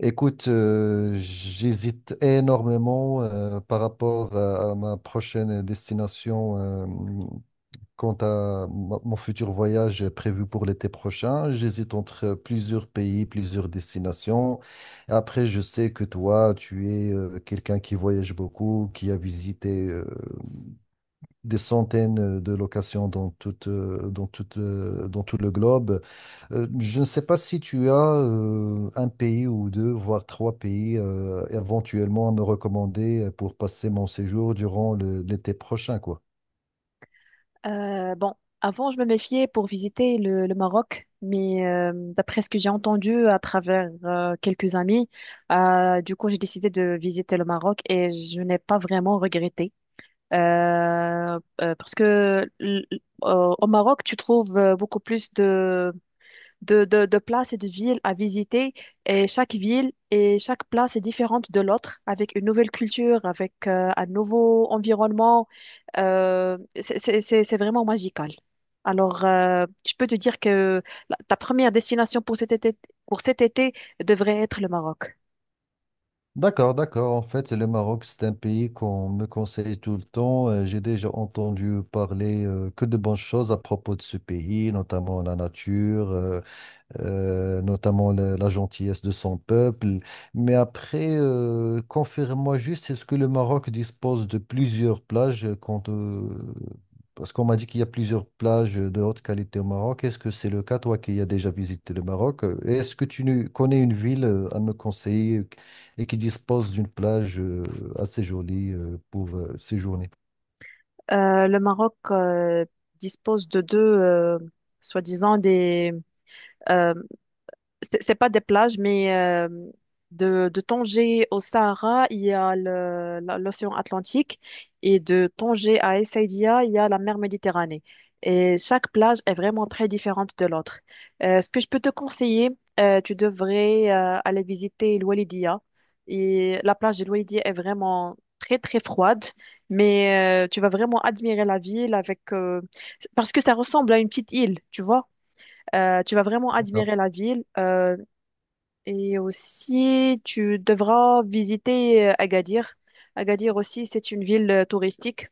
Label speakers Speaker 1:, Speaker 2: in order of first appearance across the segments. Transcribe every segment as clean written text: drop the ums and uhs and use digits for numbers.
Speaker 1: Écoute, j'hésite énormément par rapport à ma prochaine destination quant à mon futur voyage prévu pour l'été prochain. J'hésite entre plusieurs pays, plusieurs destinations. Après, je sais que toi, tu es quelqu'un qui voyage beaucoup, qui a visité des centaines de locations dans tout le globe. Je ne sais pas si tu as un pays ou deux, voire trois pays éventuellement à me recommander pour passer mon séjour durant l'été prochain, quoi.
Speaker 2: Euh, bon, avant, je me méfiais pour visiter le Maroc, mais d'après ce que j'ai entendu à travers quelques amis, du coup, j'ai décidé de visiter le Maroc et je n'ai pas vraiment regretté. Euh, Parce que au Maroc, tu trouves beaucoup plus de places et de villes à visiter. Et chaque ville et chaque place est différente de l'autre, avec une nouvelle culture, avec un nouveau environnement. C'est vraiment magical. Alors, je peux te dire que ta première destination pour cet été, pour cet été devrait être le Maroc.
Speaker 1: D'accord, d'accord. En fait, le Maroc, c'est un pays qu'on me conseille tout le temps. J'ai déjà entendu parler que de bonnes choses à propos de ce pays, notamment la nature, notamment la gentillesse de son peuple. Mais après, confirme-moi juste, est-ce que le Maroc dispose de plusieurs plages parce qu'on m'a dit qu'il y a plusieurs plages de haute qualité au Maroc. Est-ce que c'est le cas, toi qui as déjà visité le Maroc? Est-ce que tu ne- connais une ville à me conseiller et qui dispose d'une plage assez jolie pour séjourner?
Speaker 2: Le Maroc dispose de deux, soi-disant, euh, c'est pas des plages, mais de Tanger au Sahara, il y a l'océan Atlantique et de Tanger à Essaouira, il y a la mer Méditerranée. Et chaque plage est vraiment très différente de l'autre. Ce que je peux te conseiller, tu devrais aller visiter l'Oualidia. Et la plage de l'Oualidia est vraiment très très froide, mais tu vas vraiment admirer la ville avec parce que ça ressemble à une petite île, tu vois. Tu vas vraiment admirer la ville. Et aussi, tu devras visiter Agadir. Agadir aussi, c'est une ville touristique.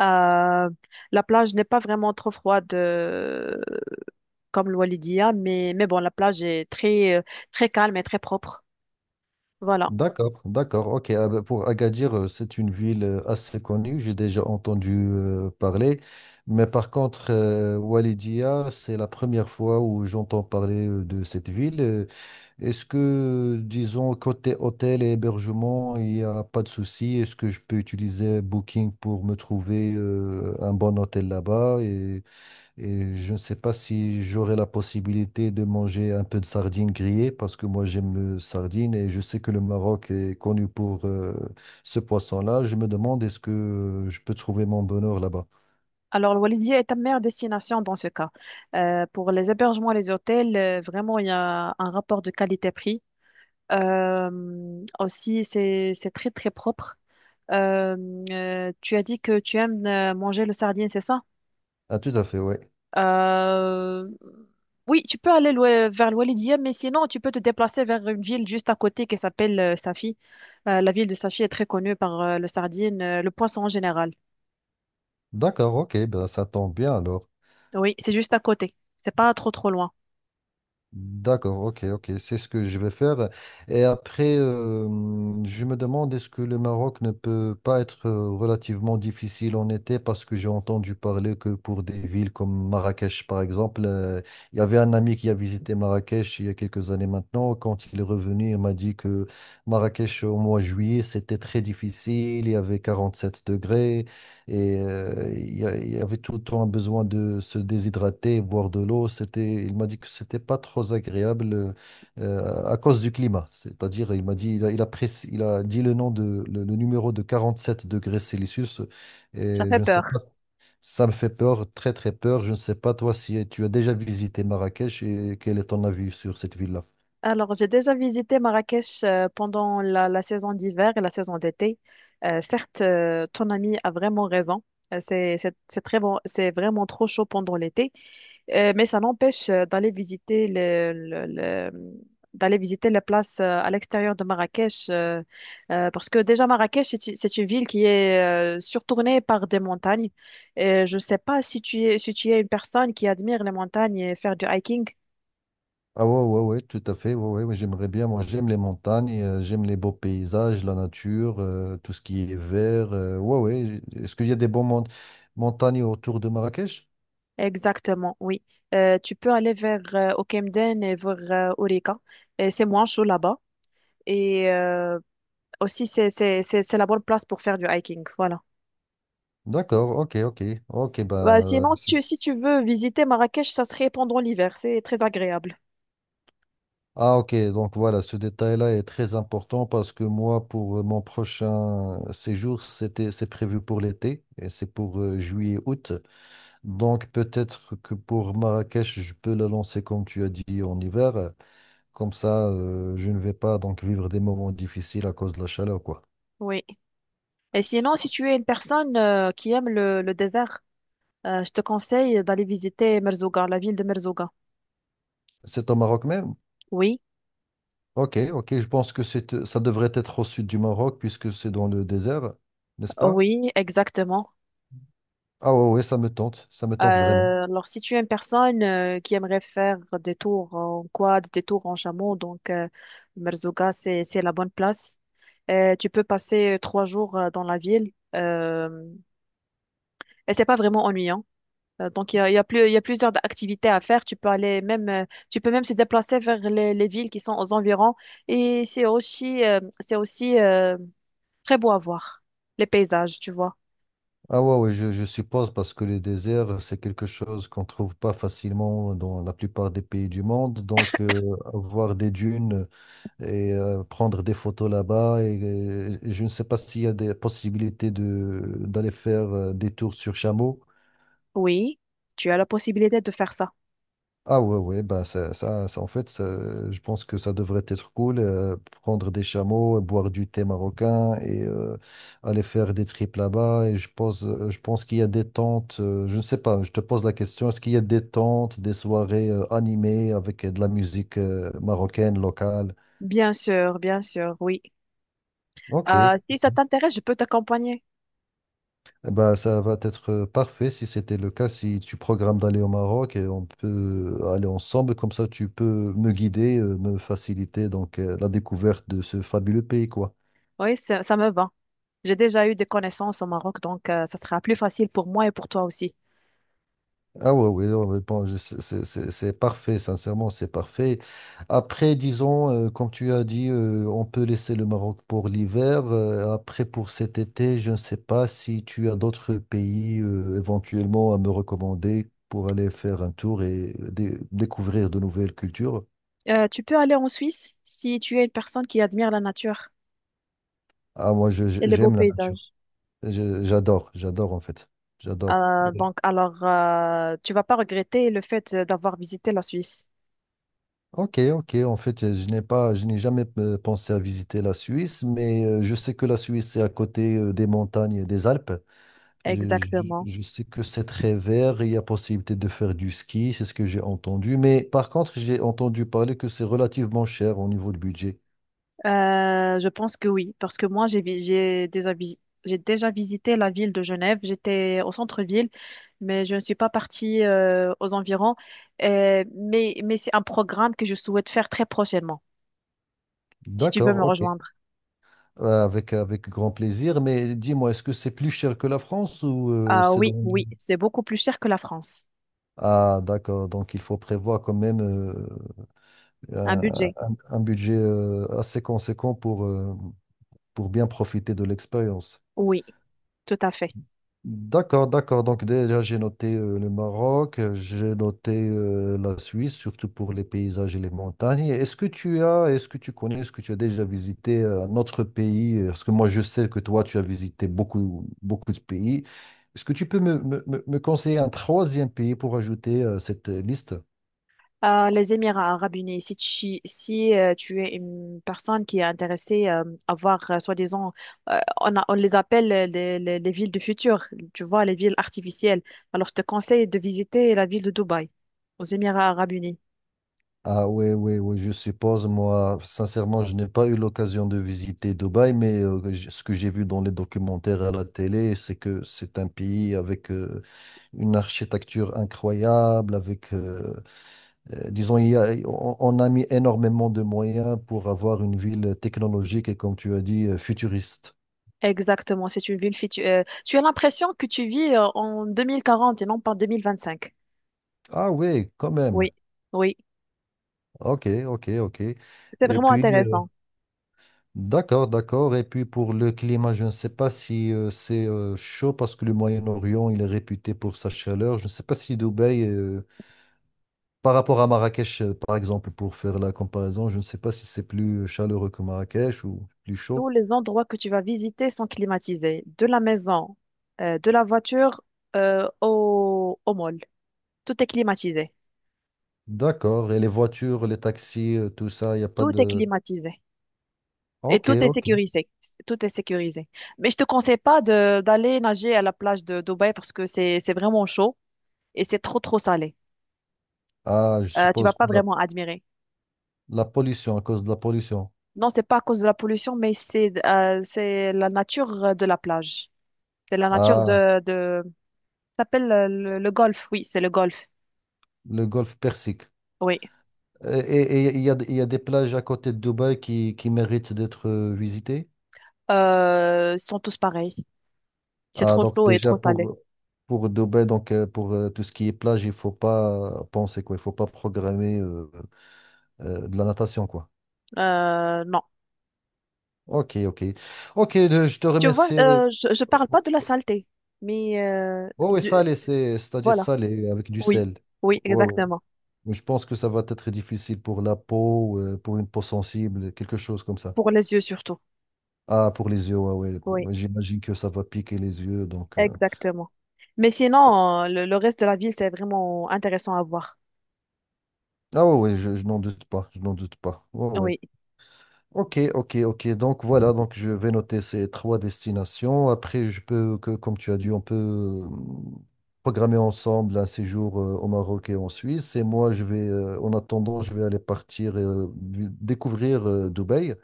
Speaker 2: Euh, la plage n'est pas vraiment trop froide comme le Walidia, mais bon, la plage est très, très calme et très propre. Voilà.
Speaker 1: D'accord, d'accord. Ok, ah ben, pour Agadir, c'est une ville assez connue, j'ai déjà entendu parler. Mais par contre, Walidia, c'est la première fois où j'entends parler de cette ville. Est-ce que, disons, côté hôtel et hébergement, il n'y a pas de souci? Est-ce que je peux utiliser Booking pour me trouver un bon hôtel là-bas? Et je ne sais pas si j'aurai la possibilité de manger un peu de sardines grillées parce que moi j'aime le sardine et je sais que le Maroc est connu pour ce poisson-là. Je me demande est-ce que je peux trouver mon bonheur là-bas.
Speaker 2: Alors, le Walidia est ta meilleure destination dans ce cas. Pour les hébergements et les hôtels, vraiment, il y a un rapport de qualité-prix. Aussi, c'est très, très propre. Euh, Tu as dit que tu aimes manger le sardine, c'est ça?
Speaker 1: Ah, tout à fait, oui.
Speaker 2: Euh, oui, tu peux aller vers l'Oualidia, mais sinon, tu peux te déplacer vers une ville juste à côté qui s'appelle Safi. La ville de Safi est très connue par le sardine, le poisson en général.
Speaker 1: D'accord, ok, ben, ça tombe bien alors.
Speaker 2: Oui, c'est juste à côté. C'est pas trop, trop loin.
Speaker 1: D'accord, ok, ok, c'est ce que je vais faire. Et après, je me demande est-ce que le Maroc ne peut pas être relativement difficile en été parce que j'ai entendu parler que pour des villes comme Marrakech, par exemple, il y avait un ami qui a visité Marrakech il y a quelques années maintenant. Quand il est revenu, il m'a dit que Marrakech au mois de juillet, c'était très difficile, il y avait 47 degrés. Et il y avait tout le temps un besoin de se déshydrater, boire de l'eau. Il m'a dit que c'était pas trop agréable à cause du climat. C'est-à-dire, il m'a dit, il a dit le nom de, le numéro de 47 degrés
Speaker 2: Ça
Speaker 1: Celsius. Et
Speaker 2: fait
Speaker 1: je ne sais
Speaker 2: peur.
Speaker 1: pas, ça me fait peur, très très peur. Je ne sais pas toi si tu as déjà visité Marrakech et quel est ton avis sur cette ville-là.
Speaker 2: Alors, j'ai déjà visité Marrakech pendant la saison d'hiver et la saison d'été. Certes, ton ami a vraiment raison. C'est très bon, c'est vraiment trop chaud pendant l'été. Mais ça n'empêche d'aller visiter d'aller visiter les places à l'extérieur de Marrakech, parce que déjà Marrakech, c'est une ville qui est surtournée par des montagnes. Et je ne sais pas si tu es, si tu es une personne qui admire les montagnes et faire du hiking.
Speaker 1: Ah ouais, ouais, ouais, tout à fait. Ouais, ouais, ouais, j'aimerais bien. Moi, j'aime les montagnes, j'aime les beaux paysages, la nature, tout ce qui est vert. Ouais, ouais. Est-ce qu'il y a des bons montagnes autour de Marrakech?
Speaker 2: Exactement, oui. Tu peux aller vers au et vers Aurica. Et c'est moins chaud là-bas. Et euh, Aussi, c'est la bonne place pour faire du hiking. Voilà.
Speaker 1: D'accord, ok, ok. Ok, ben.
Speaker 2: Bah, sinon, si tu, si tu veux visiter Marrakech, ça serait pendant l'hiver. C'est très agréable.
Speaker 1: Ah, ok, donc voilà, ce détail-là est très important parce que moi, pour mon prochain séjour, c'est prévu pour l'été et c'est pour juillet-août. Donc, peut-être que pour Marrakech, je peux la lancer, comme tu as dit, en hiver. Comme ça, je ne vais pas donc vivre des moments difficiles à cause de la chaleur, quoi.
Speaker 2: Oui. Et sinon, si tu es une personne qui aime le désert, je te conseille d'aller visiter Merzouga, la ville de Merzouga.
Speaker 1: C'est au Maroc même?
Speaker 2: Oui,
Speaker 1: Ok, ok, je pense que ça devrait être au sud du Maroc puisque c'est dans le désert, n'est-ce pas?
Speaker 2: oui, exactement.
Speaker 1: Ah ouais, ouais, ça me tente vraiment.
Speaker 2: Alors, si tu es une personne qui aimerait faire des tours en quad, des tours en chameau, Merzouga, c'est la bonne place. Tu peux passer 3 jours dans la ville et c'est pas vraiment ennuyant. Donc, il y a plusieurs activités à faire. Tu peux aller même, tu peux même se déplacer vers les villes qui sont aux environs et c'est aussi très beau à voir, les paysages, tu vois.
Speaker 1: Ah ouais, ouais, je suppose parce que les déserts, c'est quelque chose qu'on trouve pas facilement dans la plupart des pays du monde. Donc, voir des dunes et prendre des photos là-bas, et je ne sais pas s'il y a des possibilités d'aller faire des tours sur chameau.
Speaker 2: Oui, tu as la possibilité de faire ça.
Speaker 1: Ah ouais, ouais, bah ça, en fait, je pense que ça devrait être cool, prendre des chameaux, boire du thé marocain et aller faire des trips là-bas. Et je pense qu'il y a des tentes, je ne sais pas, je te pose la question, est-ce qu'il y a des tentes, des soirées animées avec de la musique marocaine locale?
Speaker 2: Bien sûr, oui.
Speaker 1: Ok.
Speaker 2: Si ça t'intéresse, je peux t'accompagner.
Speaker 1: Bah, ça va être parfait si c'était le cas, si tu programmes d'aller au Maroc et on peut aller ensemble, comme ça tu peux me guider, me faciliter donc la découverte de ce fabuleux pays, quoi.
Speaker 2: Oui, ça me va. J'ai déjà eu des connaissances au Maroc, ça sera plus facile pour moi et pour toi aussi.
Speaker 1: Ah ouais, oui, ouais, ouais, bon, c'est parfait, sincèrement, c'est parfait. Après, disons, comme tu as dit, on peut laisser le Maroc pour l'hiver. Après, pour cet été, je ne sais pas si tu as d'autres pays éventuellement à me recommander pour aller faire un tour et découvrir de nouvelles cultures.
Speaker 2: Tu peux aller en Suisse si tu es une personne qui admire la nature
Speaker 1: Ah, moi, je- je-
Speaker 2: et les beaux
Speaker 1: j'aime la nature.
Speaker 2: paysages.
Speaker 1: J'adore, j'adore en fait. J'adore.
Speaker 2: Tu vas pas regretter le fait d'avoir visité la Suisse.
Speaker 1: Ok, ok. En fait, je n'ai jamais pensé à visiter la Suisse, mais je sais que la Suisse est à côté des montagnes et des Alpes. Je, je-
Speaker 2: Exactement.
Speaker 1: je sais que c'est très vert, il y a possibilité de faire du ski, c'est ce que j'ai entendu. Mais par contre, j'ai entendu parler que c'est relativement cher au niveau du budget.
Speaker 2: Je pense que oui, parce que moi, j'ai déjà visité la ville de Genève. J'étais au centre-ville, mais je ne suis pas partie aux environs. Mais c'est un programme que je souhaite faire très prochainement, si tu veux
Speaker 1: D'accord,
Speaker 2: me
Speaker 1: ok.
Speaker 2: rejoindre.
Speaker 1: Avec grand plaisir. Mais dis-moi, est-ce que c'est plus cher que la France ou
Speaker 2: Ah
Speaker 1: c'est
Speaker 2: oui,
Speaker 1: dans.
Speaker 2: oui, c'est beaucoup plus cher que la France.
Speaker 1: Ah, d'accord. Donc, il faut prévoir quand même.
Speaker 2: Un
Speaker 1: Euh,
Speaker 2: budget,
Speaker 1: un budget assez conséquent pour bien profiter de l'expérience.
Speaker 2: oui, tout à fait.
Speaker 1: D'accord, d'accord. Donc déjà, j'ai noté le Maroc, j'ai noté la Suisse, surtout pour les paysages et les montagnes. Et est-ce que tu as déjà visité un autre pays? Parce que moi, je sais que toi, tu as visité beaucoup, beaucoup de pays. Est-ce que tu peux me conseiller un troisième pays pour ajouter cette liste?
Speaker 2: Les Émirats arabes unis, si tu, si, tu es une personne qui est intéressée à voir, soi-disant, on les appelle les villes du futur, tu vois, les villes artificielles. Alors, je te conseille de visiter la ville de Dubaï, aux Émirats arabes unis.
Speaker 1: Ah oui, oui, oui, je suppose, moi, sincèrement, je n'ai pas eu l'occasion de visiter Dubaï, mais ce que j'ai vu dans les documentaires à la télé, c'est que c'est un pays avec une architecture incroyable, disons, on a mis énormément de moyens pour avoir une ville technologique et, comme tu as dit, futuriste.
Speaker 2: Exactement, c'est une ville future. Tu as l'impression que tu vis en 2040 et non pas en 2025.
Speaker 1: Ah oui, quand même.
Speaker 2: Oui, oui,
Speaker 1: Ok, ok, ok.
Speaker 2: c'est
Speaker 1: Et
Speaker 2: vraiment
Speaker 1: puis, euh,
Speaker 2: intéressant.
Speaker 1: D'accord, d'accord. Et puis pour le climat, je ne sais pas si c'est chaud parce que le Moyen-Orient, il est réputé pour sa chaleur. Je ne sais pas si Dubaï, par rapport à Marrakech, par exemple, pour faire la comparaison, je ne sais pas si c'est plus chaleureux que Marrakech ou plus
Speaker 2: Tous
Speaker 1: chaud.
Speaker 2: les endroits que tu vas visiter sont climatisés, de la maison, de la voiture au mall. Tout est climatisé.
Speaker 1: D'accord. Et les voitures, les taxis, tout ça, il n'y a pas
Speaker 2: Tout est
Speaker 1: de.
Speaker 2: climatisé. Et
Speaker 1: Ok,
Speaker 2: tout est
Speaker 1: ok.
Speaker 2: sécurisé. Tout est sécurisé. Mais je te conseille pas de d'aller nager à la plage de Dubaï parce que c'est vraiment chaud et c'est trop trop salé.
Speaker 1: Ah, je
Speaker 2: Tu vas
Speaker 1: suppose que
Speaker 2: pas
Speaker 1: la,
Speaker 2: vraiment admirer.
Speaker 1: la pollution, à cause de la pollution.
Speaker 2: Non, c'est pas à cause de la pollution, mais c'est la nature de la plage. C'est la nature
Speaker 1: Ah,
Speaker 2: de ça s'appelle le golfe. Oui, c'est le golfe.
Speaker 1: le golfe Persique.
Speaker 2: Oui.
Speaker 1: Et il y a des plages à côté de Dubaï qui méritent d'être visitées?
Speaker 2: Ils sont tous pareils. C'est
Speaker 1: Ah,
Speaker 2: trop
Speaker 1: donc
Speaker 2: chaud et
Speaker 1: déjà
Speaker 2: trop salé.
Speaker 1: pour Dubaï, donc pour tout ce qui est plage, il faut pas penser quoi, il faut pas programmer de la natation quoi.
Speaker 2: Non.
Speaker 1: Ok, ok. Ok, je te
Speaker 2: Tu vois,
Speaker 1: remercie.
Speaker 2: je parle pas de la saleté, mais
Speaker 1: Oh oui, salé, c'est-à-dire
Speaker 2: voilà.
Speaker 1: salé avec du
Speaker 2: Oui,
Speaker 1: sel.
Speaker 2: oui,
Speaker 1: Ouais, ouais.
Speaker 2: exactement.
Speaker 1: Mais je pense que ça va être difficile pour la peau, pour une peau sensible, quelque chose comme ça.
Speaker 2: Pour les yeux surtout.
Speaker 1: Ah, pour les yeux, ouais, ouais.
Speaker 2: Oui,
Speaker 1: Moi, j'imagine que ça va piquer les yeux, donc.
Speaker 2: exactement. Mais sinon, le reste de la ville, c'est vraiment intéressant à voir.
Speaker 1: Ah ouais, ouais, je n'en doute pas, je n'en doute pas. Ouais,
Speaker 2: Oui.
Speaker 1: ouais. Ok, ok, ok. Donc voilà, donc je vais noter ces trois destinations. Après, comme tu as dit, on peut programmer ensemble un séjour au Maroc et en Suisse. Et moi, en attendant, je vais aller partir découvrir Dubaï.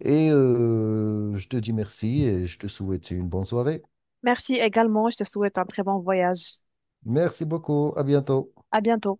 Speaker 1: Je te dis merci et je te souhaite une bonne soirée.
Speaker 2: Merci également. Je te souhaite un très bon voyage.
Speaker 1: Merci beaucoup. À bientôt.
Speaker 2: À bientôt.